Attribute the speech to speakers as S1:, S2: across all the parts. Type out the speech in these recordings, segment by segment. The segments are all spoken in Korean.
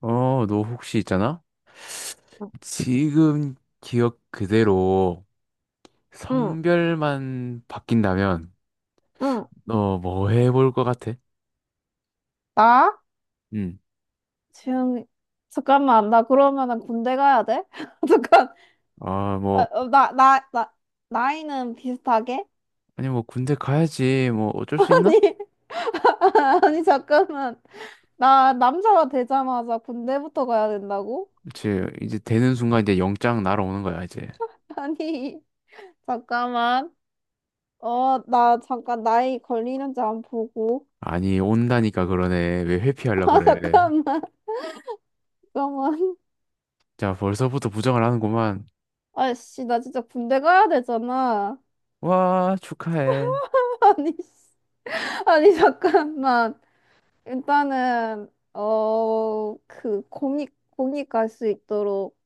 S1: 어, 너 혹시 있잖아?
S2: 응,
S1: 지금 기억 그대로
S2: 응.
S1: 성별만 바뀐다면
S2: 응
S1: 너 뭐 해볼 것 같아?
S2: 나?
S1: 응.
S2: 지금, 잠깐만, 나 그러면은 군대 가야 돼? 잠깐,
S1: 아,
S2: 어,
S1: 뭐,
S2: 어, 나, 나, 나, 나이는 비슷하게?
S1: 아니 뭐 군대 가야지. 뭐 어쩔 수 있나?
S2: 아니, 아니, 잠깐만. 나 남자가 되자마자 군대부터 가야 된다고?
S1: 그치. 이제 되는 순간 이제 영장 날아오는 거야, 이제.
S2: 아니, 잠깐만. 나 잠깐 나이 걸리는지 안 보고.
S1: 아니, 온다니까 그러네. 왜 회피하려
S2: 아,
S1: 그래.
S2: 잠깐만. 잠깐만.
S1: 자, 벌써부터 부정을 하는구만.
S2: 아이씨, 나 진짜 군대 가야 되잖아.
S1: 와, 축하해.
S2: 아니, 씨. 아니, 잠깐만. 일단은 공익 갈 수 있도록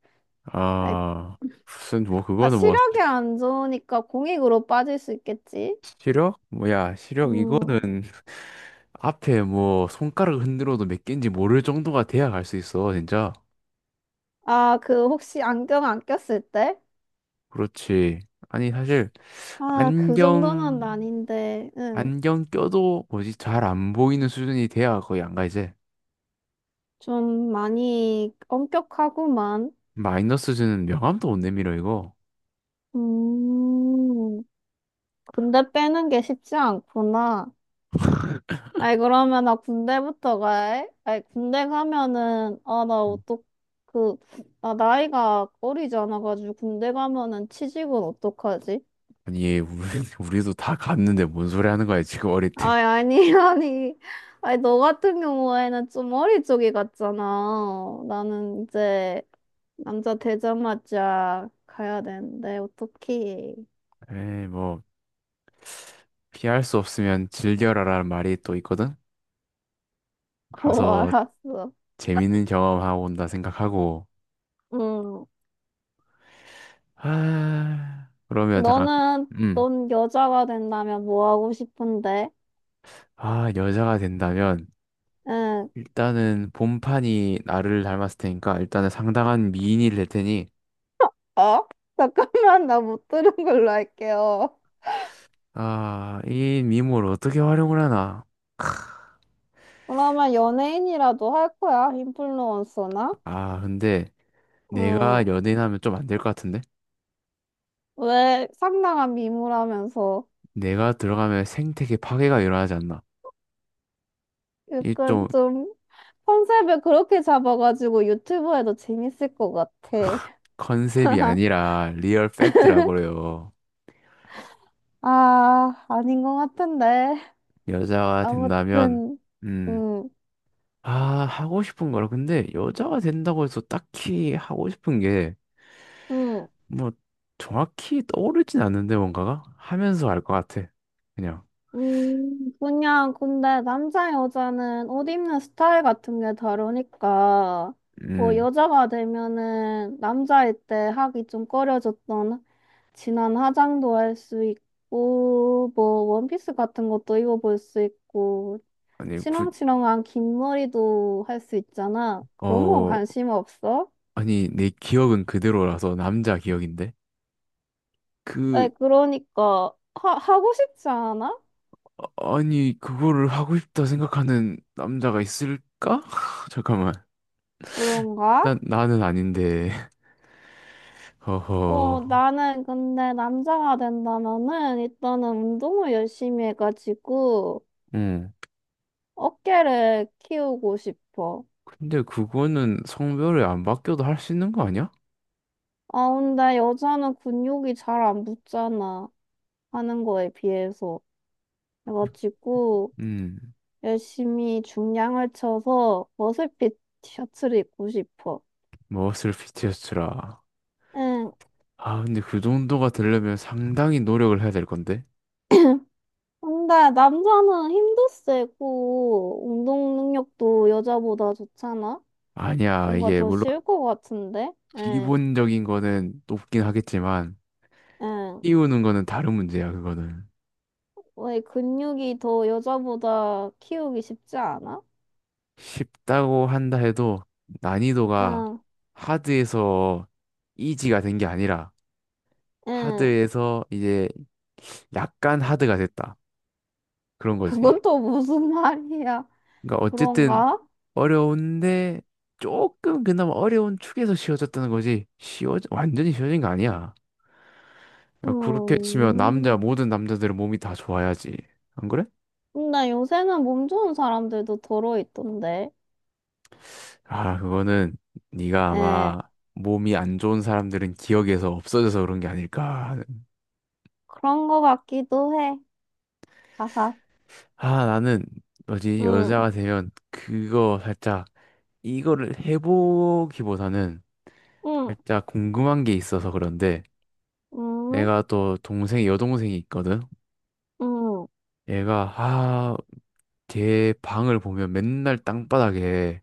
S2: 아이,
S1: 아, 무슨 뭐
S2: 아
S1: 그거는 뭐
S2: 시력이 안 좋으니까 공익으로 빠질 수 있겠지.
S1: 시력? 뭐야, 시력
S2: 음.
S1: 이거는 앞에 뭐 손가락 흔들어도 몇 개인지 모를 정도가 돼야 갈 수 있어, 진짜.
S2: 아, 그 혹시 안경 안 꼈을 때?
S1: 그렇지. 아니, 사실
S2: 아, 그 정도는
S1: 안경
S2: 아닌데. 응.
S1: 안경 껴도 뭐지 잘 안 보이는 수준이 돼야 거의 안 가 이제.
S2: 좀 많이 엄격하구만.
S1: 마이너스 수준은 명함도 못 내밀어 이거.
S2: 음. 근데 빼는 게 쉽지 않구나. 아이, 그러면 나 군대부터 가. 아이, 군대 가면은, 아,
S1: 음.
S2: 그, 나 나이가 어리지 않아가지고 군대 가면은 취직은 어떡하지?
S1: 아니, 얘 우리, 우리도 다 갔는데 뭔 소리 하는 거야, 지금 어릴 때.
S2: 아이, 아니, 아니. 아이, 너 같은 경우에는 좀 어릴 적이 같잖아. 나는 이제 남자 되자마자 가야 되는데, 어떡해.
S1: 에이, 뭐 피할 수 없으면 즐겨라라는 말이 또 있거든.
S2: 어,
S1: 가서
S2: 알았어.
S1: 재밌는 경험하고 온다 생각하고.
S2: 응.
S1: 아, 그러면 잠깐.
S2: 너는,
S1: 음.
S2: 넌 여자가 된다면 뭐 하고 싶은데?
S1: 아, 여자가 된다면
S2: 응.
S1: 일단은 본판이 나를 닮았을 테니까 일단은 상당한 미인이 될 테니,
S2: 어? 잠깐만, 나 못 들은 걸로 할게요.
S1: 아, 이 미모를 어떻게 활용을 하나?
S2: 그러면 연예인이라도 할 거야? 인플루언서나?
S1: 아, 근데 내가
S2: 음,
S1: 연예인하면 좀 안 될 것 같은데?
S2: 왜 상당한 미모라면서
S1: 내가 들어가면 생태계 파괴가 일어나지 않나? 이
S2: 약간
S1: 좀
S2: 좀 컨셉을 그렇게 잡아가지고 유튜브에도 재밌을 것 같아.
S1: 컨셉이 아니라 리얼 팩트라고 그래요.
S2: 아, 아닌 것 같은데.
S1: 여자가 된다면,
S2: 아무튼,
S1: 음,
S2: 음,
S1: 아, 하고 싶은 거라. 근데 여자가 된다고 해서 딱히 하고 싶은 게
S2: 음.
S1: 뭐 정확히 떠오르진 않는데 뭔가가 하면서 알 것 같아. 그냥
S2: 그냥, 근데 남자, 여자는 옷 입는 스타일 같은 게 다르니까, 뭐,
S1: 음
S2: 여자가 되면은 남자일 때 하기 좀 꺼려졌던 진한 화장도 할 수 있고, 뭐, 원피스 같은 것도 입어볼 수 있고,
S1: 아니 구,
S2: 치렁치렁한 긴 머리도 할 수 있잖아. 그런 건
S1: 어
S2: 관심 없어?
S1: 아니 내 기억은 그대로라서 남자 기억인데, 그
S2: 에, 그러니까, 하고 싶지 않아?
S1: 아니 그거를 하고 싶다 생각하는 남자가 있을까? 잠깐만,
S2: 그런가?
S1: 난 나는 아닌데. 허허.
S2: 나는 근데 남자가 된다면은 일단은 운동을 열심히 해가지고
S1: 음
S2: 어깨를 키우고 싶어.
S1: 근데 그거는 성별이 안 바뀌어도 할 수 있는 거 아니야?
S2: 아, 근데 여자는 근육이 잘 안 붙잖아. 하는 거에 비해서. 그래가지고
S1: 음
S2: 열심히 중량을 쳐서 머슬핏 티셔츠를 입고 싶어.
S1: 머슬 피티어스라.
S2: 응.
S1: 아, 근데 그 정도가 되려면 상당히 노력을 해야 될 건데.
S2: 근데 남자는 힘도 세고 운동 능력도 여자보다 좋잖아?
S1: 아니야.
S2: 뭔가
S1: 이게
S2: 더
S1: 물론
S2: 쉬울 것 같은데? 응.
S1: 기본적인 거는 높긴 하겠지만
S2: 응.
S1: 띄우는 거는 다른 문제야, 그거는.
S2: 왜 근육이 더 여자보다 키우기 쉽지 않아?
S1: 쉽다고 한다 해도 난이도가
S2: 응,
S1: 하드에서 이지가 된 게 아니라
S2: 응.
S1: 하드에서 이제 약간 하드가 됐다. 그런 거지.
S2: 그건 또 무슨 말이야?
S1: 그러니까 어쨌든
S2: 그런가?
S1: 어려운데 조금 그나마 어려운 축에서 쉬워졌다는 거지. 쉬워, 완전히 쉬워진 거 아니야. 그러니까 그렇게 치면 남자,
S2: 음.
S1: 모든 남자들은 몸이 다 좋아야지. 안 그래?
S2: 근데 요새는 몸 좋은 사람들도 더러 있던데.
S1: 아, 그거는 네가
S2: 에,
S1: 아마 몸이 안 좋은 사람들은 기억에서 없어져서 그런 게 아닐까 하는.
S2: 그런 거 같기도 해. 하하.
S1: 아, 나는 뭐지?
S2: 응,
S1: 여자가 되면 그거 살짝 이거를 해보기보다는
S2: 응,
S1: 살짝 궁금한 게 있어서 그런데,
S2: 응,
S1: 내가 또 동생이 여동생이 있거든.
S2: 응,
S1: 얘가 아, 걔 방을 보면 맨날 땅바닥에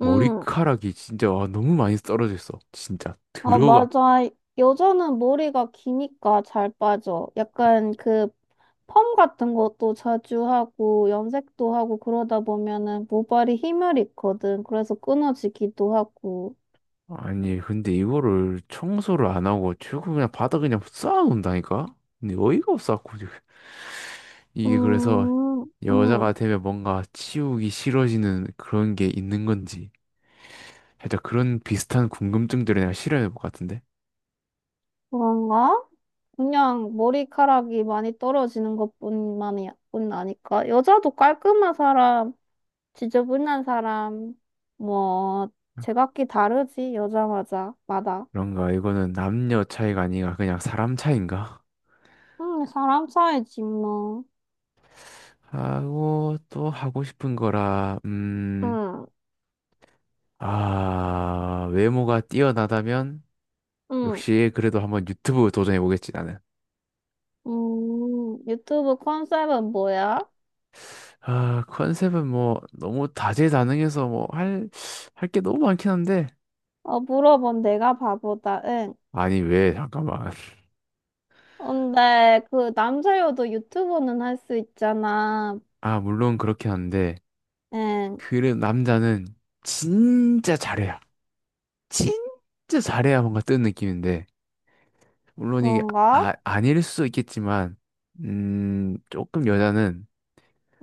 S2: 응.
S1: 진짜, 와, 너무 많이 떨어져 있어. 진짜
S2: 아,
S1: 들어가.
S2: 맞아. 여자는 머리가 기니까 잘 빠져. 약간 그 펌 같은 것도 자주 하고 염색도 하고 그러다 보면은 모발이 힘을 잃거든. 그래서 끊어지기도 하고.
S1: 아니, 근데 이거를 청소를 안 하고 최고 그냥 바닥 그냥 쌓아놓는다니까? 근데 어이가 없어갖고 지금. 이게 그래서
S2: 음, 음,
S1: 여자가 되면 뭔가 치우기 싫어지는 그런 게 있는 건지, 살짝 그런 비슷한 궁금증들을 내가 실현해 볼 것 같은데.
S2: 그런가? 그냥 머리카락이 많이 떨어지는 것뿐만이 뿐 아니까. 여자도 깔끔한 사람, 지저분한 사람, 뭐 제각기 다르지 여자마자 마다.
S1: 그런가, 이거는 남녀 차이가 아니라 그냥 사람 차이인가?
S2: 응, 사람 사이지, 뭐.
S1: 하고, 또 하고 싶은 거라. 음.
S2: 응,
S1: 아. 외모가 뛰어나다면
S2: 응.
S1: 역시 그래도 한번 유튜브 도전해 보겠지, 나는.
S2: 유튜브 컨셉은 뭐야?
S1: 아, 컨셉은 뭐 너무 다재다능해서 뭐 할 게 너무 많긴 한데.
S2: 물어본 내가 바보다, 응.
S1: 아니, 왜, 잠깐만.
S2: 근데 그 남자여도 유튜버는 할 수 있잖아.
S1: 아, 물론 그렇긴 한데.
S2: 응,
S1: 그 남자는 진짜 잘해야. 진짜 잘해야 뭔가 뜨는 느낌인데. 물론 이게, 아,
S2: 그런가?
S1: 아닐 수도 있겠지만, 조금 여자는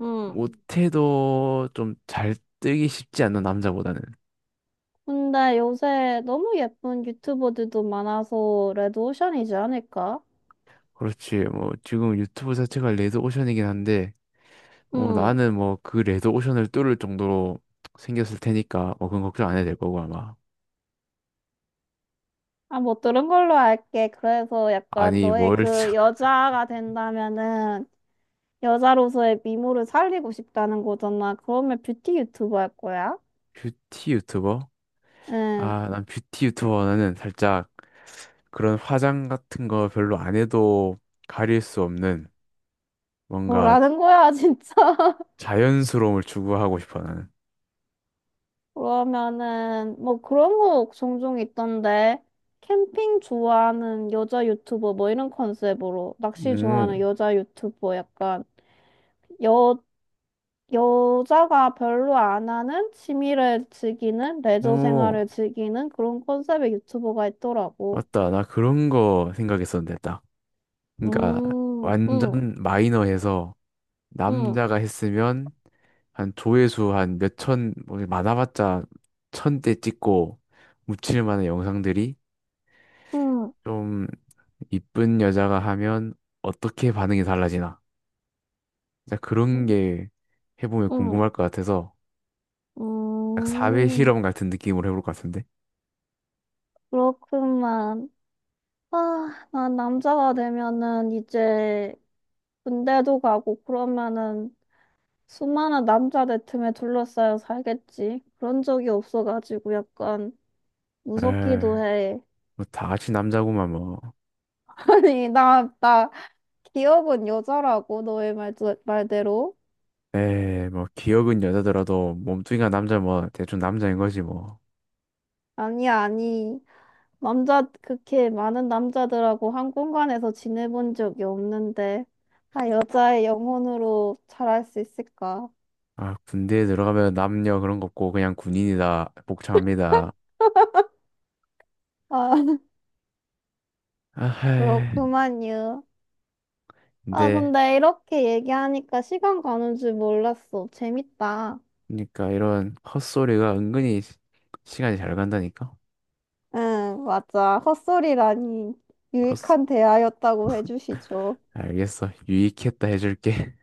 S2: 응.
S1: 못해도 좀 잘 뜨기 쉽지 않나, 남자보다는.
S2: 근데 요새 너무 예쁜 유튜버들도 많아서 레드오션이지 않을까?
S1: 그렇지. 뭐 지금 유튜브 자체가 레드오션이긴 한데, 뭐
S2: 응.
S1: 나는 뭐 그 레드 오션을 뚫을 정도로 생겼을 테니까 뭐 그건 걱정 안 해도 될 거고, 아마.
S2: 아, 못 들은 걸로 알게. 그래서 약간
S1: 아니
S2: 너의
S1: 뭘
S2: 그
S1: 참-
S2: 여자가 된다면은 여자로서의 미모를 살리고 싶다는 거잖아. 그러면 뷰티 유튜버 할 거야?
S1: 뷰티 유튜버?
S2: 응,
S1: 아, 난 뷰티 유튜버는 살짝 그런 화장 같은 거 별로 안 해도 가릴 수 없는 뭔가
S2: 뭐라는 거야, 진짜.
S1: 자연스러움을 추구하고 싶어, 나는.
S2: 그러면은, 뭐 그런 거 종종 있던데. 캠핑 좋아하는 여자 유튜버, 뭐 이런 컨셉으로. 낚시 좋아하는
S1: 음,
S2: 여자 유튜버, 약간, 여, 여자가 별로 안 하는 취미를 즐기는, 레저
S1: 오,
S2: 생활을 즐기는 그런 컨셉의 유튜버가 있더라고.
S1: 맞다. 나 그런 거 생각했었는데 딱. 그러니까
S2: 응,
S1: 완전 마이너해서
S2: 응,
S1: 남자가 했으면 한 조회수 한 몇천, 뭐 많아봤자 천 대 찍고 묻힐 만한 영상들이
S2: 응,
S1: 좀, 이쁜 여자가 하면 어떻게 반응이 달라지나. 진짜 그런 게 해보면
S2: 응.
S1: 궁금할 것 같아서, 약 사회
S2: 음,
S1: 실험 같은 느낌으로 해볼 것 같은데.
S2: 그렇구만. 아, 난 남자가 되면은 이제 군대도 가고 그러면은 수많은 남자들 틈에 둘러싸여 살겠지. 그런 적이 없어가지고 약간
S1: 에이,
S2: 무섭기도 해.
S1: 뭐다 같이 남자구만 뭐.
S2: 아니, 기억은 여자라고, 너의 말대로.
S1: 에이, 뭐 기억은 여자더라도 몸뚱이가 남자, 뭐 대충 남자인 거지 뭐.
S2: 아니, 아니. 남자, 그렇게 많은 남자들하고 한 공간에서 지내본 적이 없는데. 아, 여자의 영혼으로 잘할 수 있을까?
S1: 아, 군대에 들어가면 남녀 그런 거 없고 그냥 군인이다, 복창합니다.
S2: 아,
S1: 아하.
S2: 그렇구만요. 아,
S1: 근데
S2: 근데 이렇게 얘기하니까 시간 가는 줄 몰랐어. 재밌다.
S1: 그러니까 이런 헛소리가 은근히 시간이 잘 간다니까.
S2: 응, 맞아. 헛소리라니
S1: 헛소...
S2: 유익한 대화였다고 해주시죠.
S1: 알겠어. 유익했다 해줄게.